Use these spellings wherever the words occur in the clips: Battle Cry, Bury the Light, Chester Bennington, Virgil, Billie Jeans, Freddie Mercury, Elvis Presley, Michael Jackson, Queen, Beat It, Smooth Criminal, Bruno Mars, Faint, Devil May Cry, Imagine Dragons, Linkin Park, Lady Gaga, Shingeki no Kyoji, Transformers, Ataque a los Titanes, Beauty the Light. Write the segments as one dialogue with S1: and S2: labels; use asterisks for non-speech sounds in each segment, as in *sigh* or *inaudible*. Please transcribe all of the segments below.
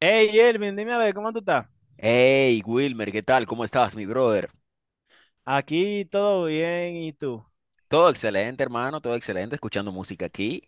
S1: Hey, Elvin, dime a ver, ¿cómo tú estás?
S2: Hey Wilmer, ¿qué tal? ¿Cómo estás, mi brother?
S1: Aquí todo bien, ¿y tú?
S2: Todo excelente, hermano, todo excelente, escuchando música aquí.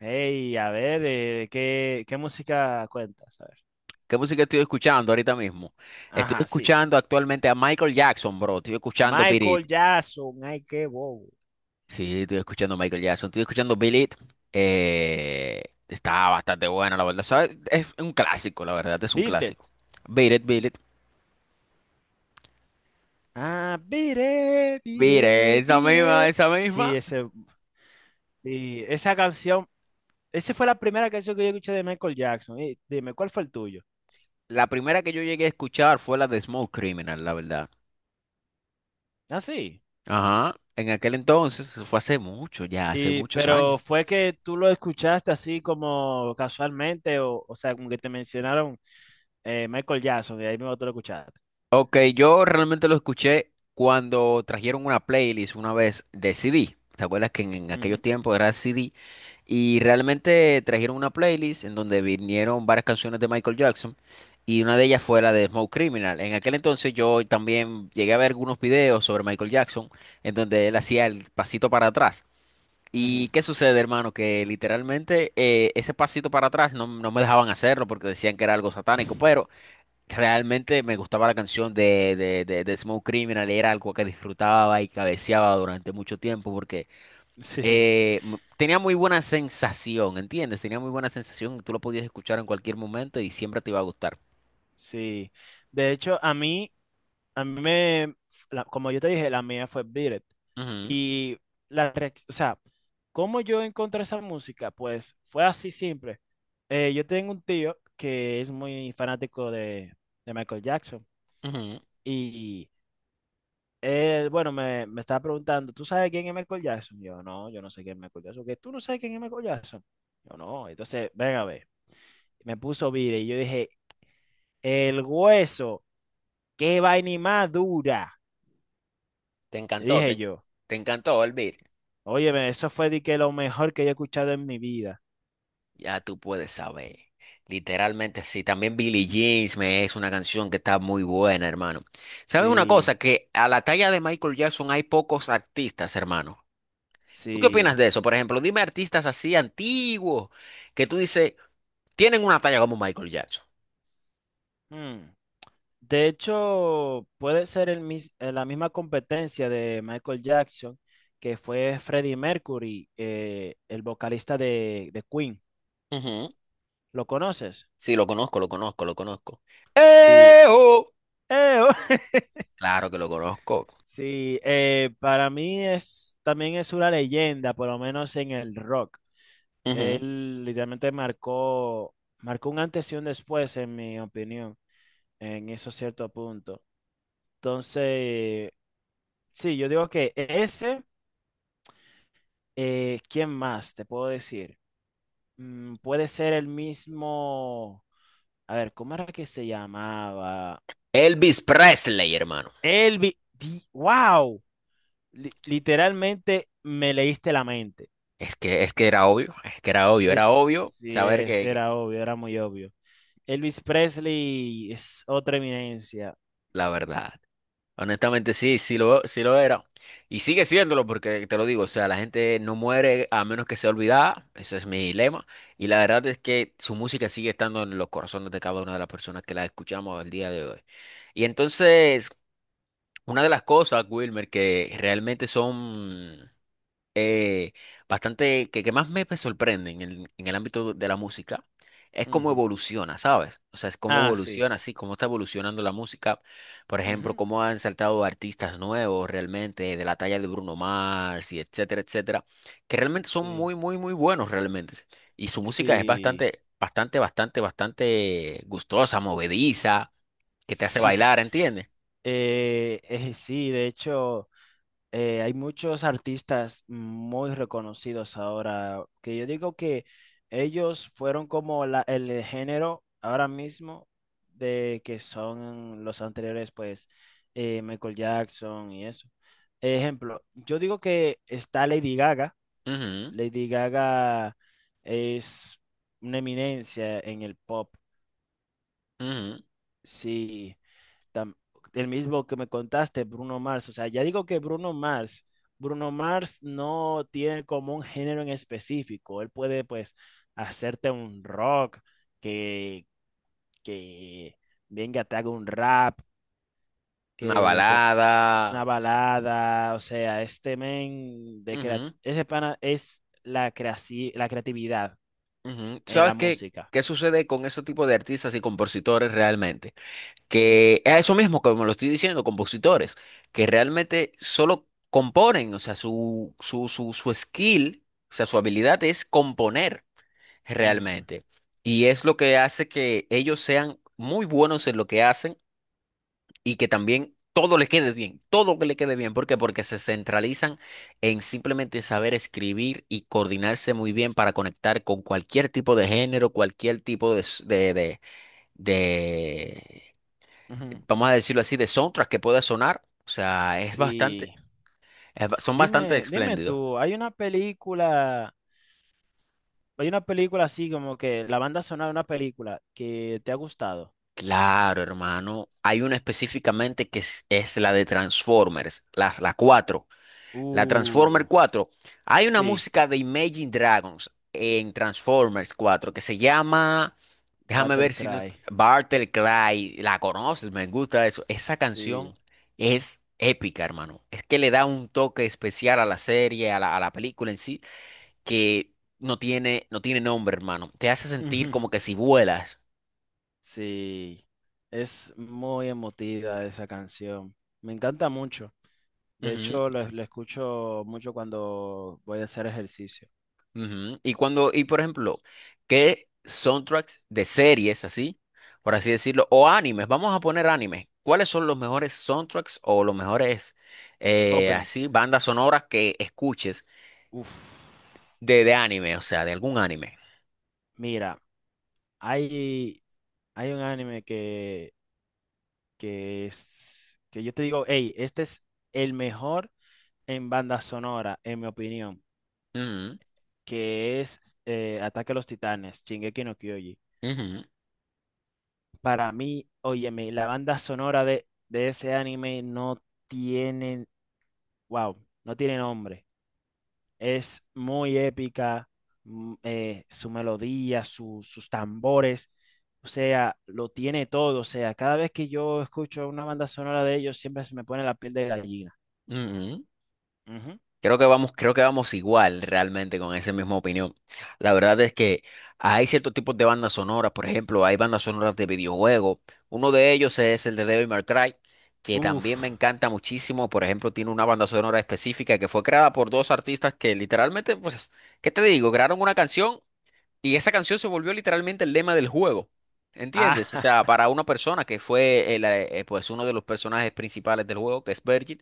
S1: Hey, a ver, ¿qué música cuentas? A ver.
S2: ¿Qué música estoy escuchando ahorita mismo? Estoy
S1: Ajá, sí.
S2: escuchando actualmente a Michael Jackson, bro. Estoy escuchando Beat
S1: Michael
S2: It.
S1: Jackson, ay, qué bobo.
S2: Sí, estoy escuchando a Michael Jackson. Estoy escuchando Beat It. Está bastante buena, la verdad. ¿Sabes? Es un clásico, la verdad, es un
S1: Beat It.
S2: clásico. Beat It, Beat It.
S1: Ah, Beat It, Beat
S2: Beat
S1: It,
S2: esa
S1: Beat
S2: misma,
S1: It.
S2: esa misma.
S1: Sí, ese, y esa canción, esa fue la primera canción que yo escuché de Michael Jackson. Y dime, ¿cuál fue el tuyo?
S2: La primera que yo llegué a escuchar fue la de Smoke Criminal, la verdad.
S1: Ah, sí.
S2: Ajá, en aquel entonces, eso fue hace mucho, ya hace
S1: Y,
S2: muchos
S1: pero
S2: años.
S1: fue que tú lo escuchaste así como casualmente, o sea, como que te mencionaron. Michael Jackson, y ahí mismo tú lo escuchaste.
S2: Ok, yo realmente lo escuché cuando trajeron una playlist una vez de CD. ¿Te acuerdas que en aquellos
S1: Ujú,
S2: tiempos era CD? Y realmente trajeron una playlist en donde vinieron varias canciones de Michael Jackson y una de ellas fue la de Smoke Criminal. En aquel entonces yo también llegué a ver algunos videos sobre Michael Jackson en donde él hacía el pasito para atrás. ¿Y
S1: ujú.
S2: qué sucede, hermano? Que literalmente ese pasito para atrás no me dejaban hacerlo porque decían que era algo satánico, pero
S1: *laughs*
S2: realmente me gustaba la canción de Smooth Criminal y era algo que disfrutaba y cabeceaba durante mucho tiempo porque
S1: Sí,
S2: tenía muy buena sensación, ¿entiendes? Tenía muy buena sensación, tú lo podías escuchar en cualquier momento y siempre te iba a gustar.
S1: sí. De hecho, a mí me, la- como yo te dije, la mía fue Beat It.
S2: Ujú,
S1: Y la reacción, o sea, ¿cómo yo encontré esa música? Pues fue así simple. Yo tengo un tío que es muy fanático de Michael Jackson.
S2: ujú.
S1: Y él, bueno, me estaba preguntando, ¿tú sabes quién es Michael Jackson? Yo, no, yo no sé quién es Michael Jackson. ¿Qué? ¿Tú no sabes quién es Michael Jackson? Yo, no. Entonces, ven a ver. Me puso vire y yo dije, el hueso, qué vaina y más dura.
S2: Te
S1: Y
S2: encantó,
S1: dije yo,
S2: te encantó, Elvir.
S1: óyeme, eso fue de que lo mejor que yo he escuchado en mi vida.
S2: Ya tú puedes saber. Literalmente sí. También Billie Jeans me es una canción que está muy buena, hermano. ¿Sabes una cosa?
S1: Sí,
S2: Que a la talla de Michael Jackson hay pocos artistas, hermano. ¿Tú qué
S1: sí.
S2: opinas de eso? Por ejemplo, dime artistas así antiguos que tú dices, tienen una talla como Michael Jackson.
S1: Hmm. De hecho, puede ser el mis- la misma competencia de Michael Jackson, que fue Freddie Mercury, el vocalista de Queen.
S2: Ujú.
S1: ¿Lo conoces?
S2: Sí, lo conozco, lo conozco, lo conozco.
S1: Sí.
S2: ¡Eh, oh!
S1: Eh, *laughs*
S2: Claro que lo conozco.
S1: Sí, para mí es, también es una leyenda, por lo menos en el rock.
S2: Ujú.
S1: Él literalmente marcó un antes y un después, en mi opinión, en eso cierto punto. Entonces, sí, yo digo que ¿quién más te puedo decir? Mm, puede ser el mismo, a ver, ¿cómo era que se llamaba?
S2: Elvis Presley, hermano.
S1: Wow, literalmente me leíste la mente.
S2: Es que era obvio, es que era obvio saber que
S1: Era obvio, era muy obvio. Elvis Presley es otra eminencia.
S2: la verdad. Honestamente, sí, sí lo era. Y sigue siéndolo porque te lo digo, o sea, la gente no muere a menos que sea olvidada, eso es mi lema. Y la verdad es que su música sigue estando en los corazones de cada una de las personas que la escuchamos al día de hoy. Y entonces, una de las cosas, Wilmer, que realmente son eh, bastante, que más me pues, sorprende en en el ámbito de la música, es cómo
S1: Ujú.
S2: evoluciona, ¿sabes? O sea, es cómo
S1: Ah, sí.
S2: evoluciona, sí, cómo está evolucionando la música. Por ejemplo,
S1: Ujú.
S2: cómo han saltado artistas nuevos realmente, de la talla de Bruno Mars y etcétera, etcétera, que realmente son
S1: Sí,
S2: muy, muy, muy buenos realmente. Y su música es
S1: sí,
S2: bastante, bastante, bastante, bastante gustosa, movediza, que te hace
S1: sí. *laughs*
S2: bailar, ¿entiendes?
S1: Sí, de hecho, hay muchos artistas muy reconocidos ahora, que yo digo que ellos fueron como el género ahora mismo de que son los anteriores, pues, Michael Jackson y eso. Ejemplo, yo digo que está Lady Gaga.
S2: Ujú,
S1: Lady Gaga es una eminencia en el pop.
S2: ujú.
S1: Sí, tam- el mismo que me contaste, Bruno Mars. O sea, ya digo que Bruno Mars no tiene como un género en específico. Él puede, pues, hacerte un rock, que, que venga, te haga un rap,
S2: Una
S1: que te
S2: balada.
S1: una balada. O sea,
S2: Ujú.
S1: ese pana es la creatividad
S2: Ujú. ¿Tú
S1: en la
S2: ¿Sabes qué,
S1: música.
S2: qué sucede con ese tipo de artistas y compositores realmente?
S1: Ujú,
S2: Que es eso mismo, como lo estoy diciendo, compositores, que realmente solo componen, o sea, su skill, o sea, su habilidad es componer
S1: ujú,
S2: realmente. Y es lo que hace que ellos sean muy buenos en lo que hacen y que también todo le quede bien, todo que le quede bien. ¿Por qué? Porque se centralizan en simplemente saber escribir y coordinarse muy bien para conectar con cualquier tipo de género, cualquier tipo de
S1: ujú.
S2: vamos a decirlo así, de soundtrack que pueda sonar. O sea, es bastante,
S1: Sí.
S2: es son bastante
S1: Dime
S2: espléndidos.
S1: tú, hay una película así como que la banda sonora de una película que te ha gustado.
S2: Claro, hermano. Hay una específicamente que es la de Transformers, la cuatro. La
S1: Uh,
S2: Transformer cuatro. Hay una
S1: sí,
S2: música de Imagine Dragons en Transformers 4 que se llama, déjame
S1: Battle
S2: ver si no,
S1: Cry,
S2: Bartle Cry. La conoces, me gusta eso. Esa
S1: sí.
S2: canción es épica, hermano. Es que le da un toque especial a la serie, a a la película en sí, que no tiene, no tiene nombre, hermano. Te hace sentir como que
S1: *laughs*
S2: si vuelas.
S1: Sí, es muy emotiva esa canción. Me encanta mucho. De hecho, la escucho mucho cuando voy a hacer ejercicio.
S2: Ujú. Y cuando, y por ejemplo, ¿qué soundtracks de series así, por así decirlo, o animes? Vamos a poner animes. ¿Cuáles son los mejores soundtracks o los mejores así
S1: Openings.
S2: bandas sonoras que escuches
S1: Uf.
S2: de anime, o sea, de algún anime?
S1: Mira, hay, hay un anime que es, que yo te digo, hey, este es el mejor en banda sonora, en mi opinión,
S2: Ujú,
S1: que es Ataque a los Titanes, Shingeki no Kyoji.
S2: ujú,
S1: Para mí, óyeme, la banda sonora de ese anime no tiene, wow, no tiene nombre. Es muy épica, su melodía, sus tambores, o sea, lo tiene todo. O sea, cada vez que yo escucho una banda sonora de ellos, siempre se me pone la piel de gallina.
S2: ujú.
S1: Ujú.
S2: Creo que vamos igual realmente con esa misma opinión. La verdad es que hay ciertos tipos de bandas sonoras, por ejemplo, hay bandas sonoras de videojuegos. Uno de ellos es el de Devil May Cry, que también me
S1: Uf,
S2: encanta muchísimo. Por ejemplo, tiene una banda sonora específica que fue creada por dos artistas que literalmente, pues, ¿qué te digo? Crearon una canción y esa canción se volvió literalmente el lema del juego.
S1: ah,
S2: ¿Entiendes? O sea,
S1: *laughs*
S2: para una persona que fue el, pues uno de los personajes principales del juego, que es Virgil.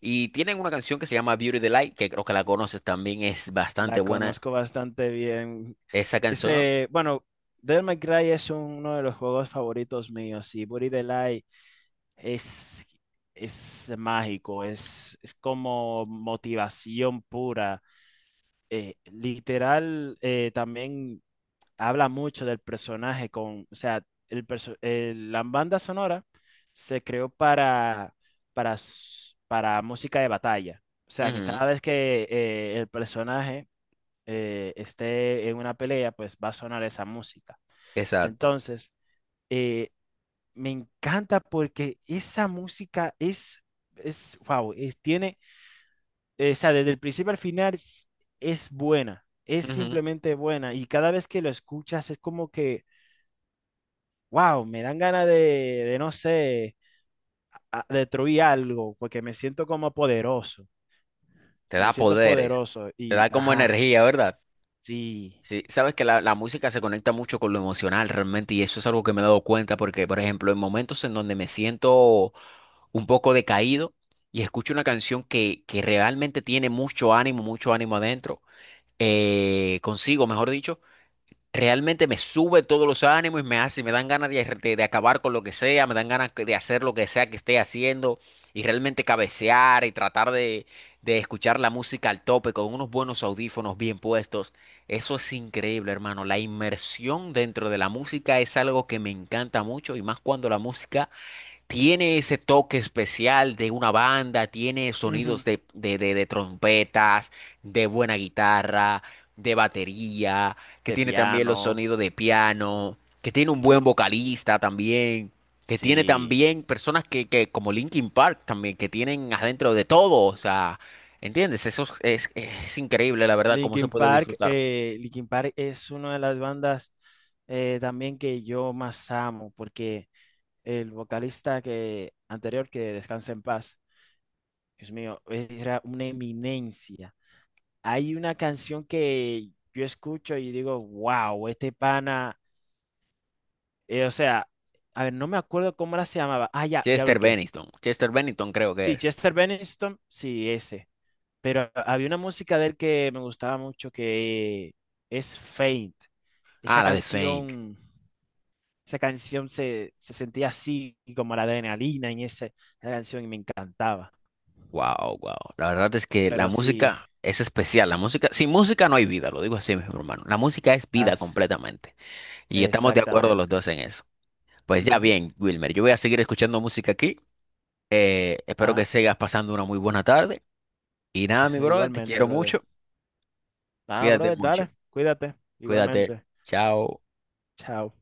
S2: Y tienen una canción que se llama Beauty the Light, que creo que la conoces también, es bastante
S1: la
S2: buena.
S1: conozco bastante bien.
S2: Esa canción,
S1: Ese, bueno, Devil May Cry es uno de los juegos favoritos míos y Buri the Light es, es mágico, es como motivación pura. Literal, también habla mucho del personaje con, o sea, la banda sonora se creó para música de batalla. O sea, que
S2: ujú,
S1: cada vez que el personaje esté en una pelea, pues va a sonar esa música.
S2: exacto,
S1: Entonces, eh, me encanta porque esa música wow, es, tiene, o sea, desde el principio al final es buena, es
S2: ujú.
S1: simplemente buena. Y cada vez que lo escuchas es como que wow, me dan ganas de no sé, destruir algo, porque me siento como poderoso,
S2: Te da
S1: me siento
S2: poderes,
S1: poderoso
S2: te
S1: y,
S2: da como
S1: ajá,
S2: energía, ¿verdad?
S1: sí,
S2: Sí, sabes que la música se conecta mucho con lo emocional realmente, y eso es algo que me he dado cuenta, porque, por ejemplo, en momentos en donde me siento un poco decaído y escucho una canción que realmente tiene mucho ánimo adentro, consigo, mejor dicho, realmente me sube todos los ánimos y me hace, me dan ganas de acabar con lo que sea, me dan ganas de hacer lo que sea que esté haciendo y realmente cabecear y tratar de escuchar la música al tope con unos buenos audífonos bien puestos. Eso es increíble, hermano. La inmersión dentro de la música es algo que me encanta mucho y más cuando la música tiene ese toque especial de una banda, tiene sonidos
S1: ujú.
S2: de trompetas, de buena guitarra, de batería, que
S1: De
S2: tiene también los
S1: piano,
S2: sonidos de piano, que tiene un buen vocalista también, que tiene
S1: sí.
S2: también personas que como Linkin Park también, que tienen adentro de todo, o sea, ¿entiendes? Eso es increíble, la verdad, cómo se puede disfrutar.
S1: Linkin Park es una de las bandas también que yo más amo, porque el vocalista que, anterior, que descansa en paz, Dios mío, era una eminencia. Hay una canción que yo escucho y digo, wow, este pana. O sea, a ver, no me acuerdo cómo era se llamaba. Ah, ya, ya
S2: Chester
S1: bloqueé.
S2: Bennington, Chester Bennington creo que
S1: Sí,
S2: es.
S1: Chester Bennington, sí, ese. Pero había una música de él que me gustaba mucho que es Faint.
S2: Ah,
S1: Esa
S2: la de Fame.
S1: canción, esa canción se sentía así, como la adrenalina en esa canción y me encantaba.
S2: Wow, wow. La verdad es que la
S1: Pero sí,
S2: música es especial. La música, sin música no hay vida, lo digo así, mi hermano. La música es vida
S1: as-
S2: completamente. Y estamos de acuerdo los dos
S1: exactamente.
S2: en eso. Pues ya
S1: Ujú,
S2: bien, Wilmer, yo voy a seguir escuchando música aquí. Espero que
S1: ajá,
S2: sigas pasando una muy buena tarde. Y nada, mi
S1: *laughs*
S2: brother, te
S1: igualmente,
S2: quiero
S1: brother.
S2: mucho.
S1: Ah,
S2: Cuídate
S1: brother,
S2: mucho.
S1: dale, cuídate,
S2: Cuídate.
S1: igualmente.
S2: Chao.
S1: Chao.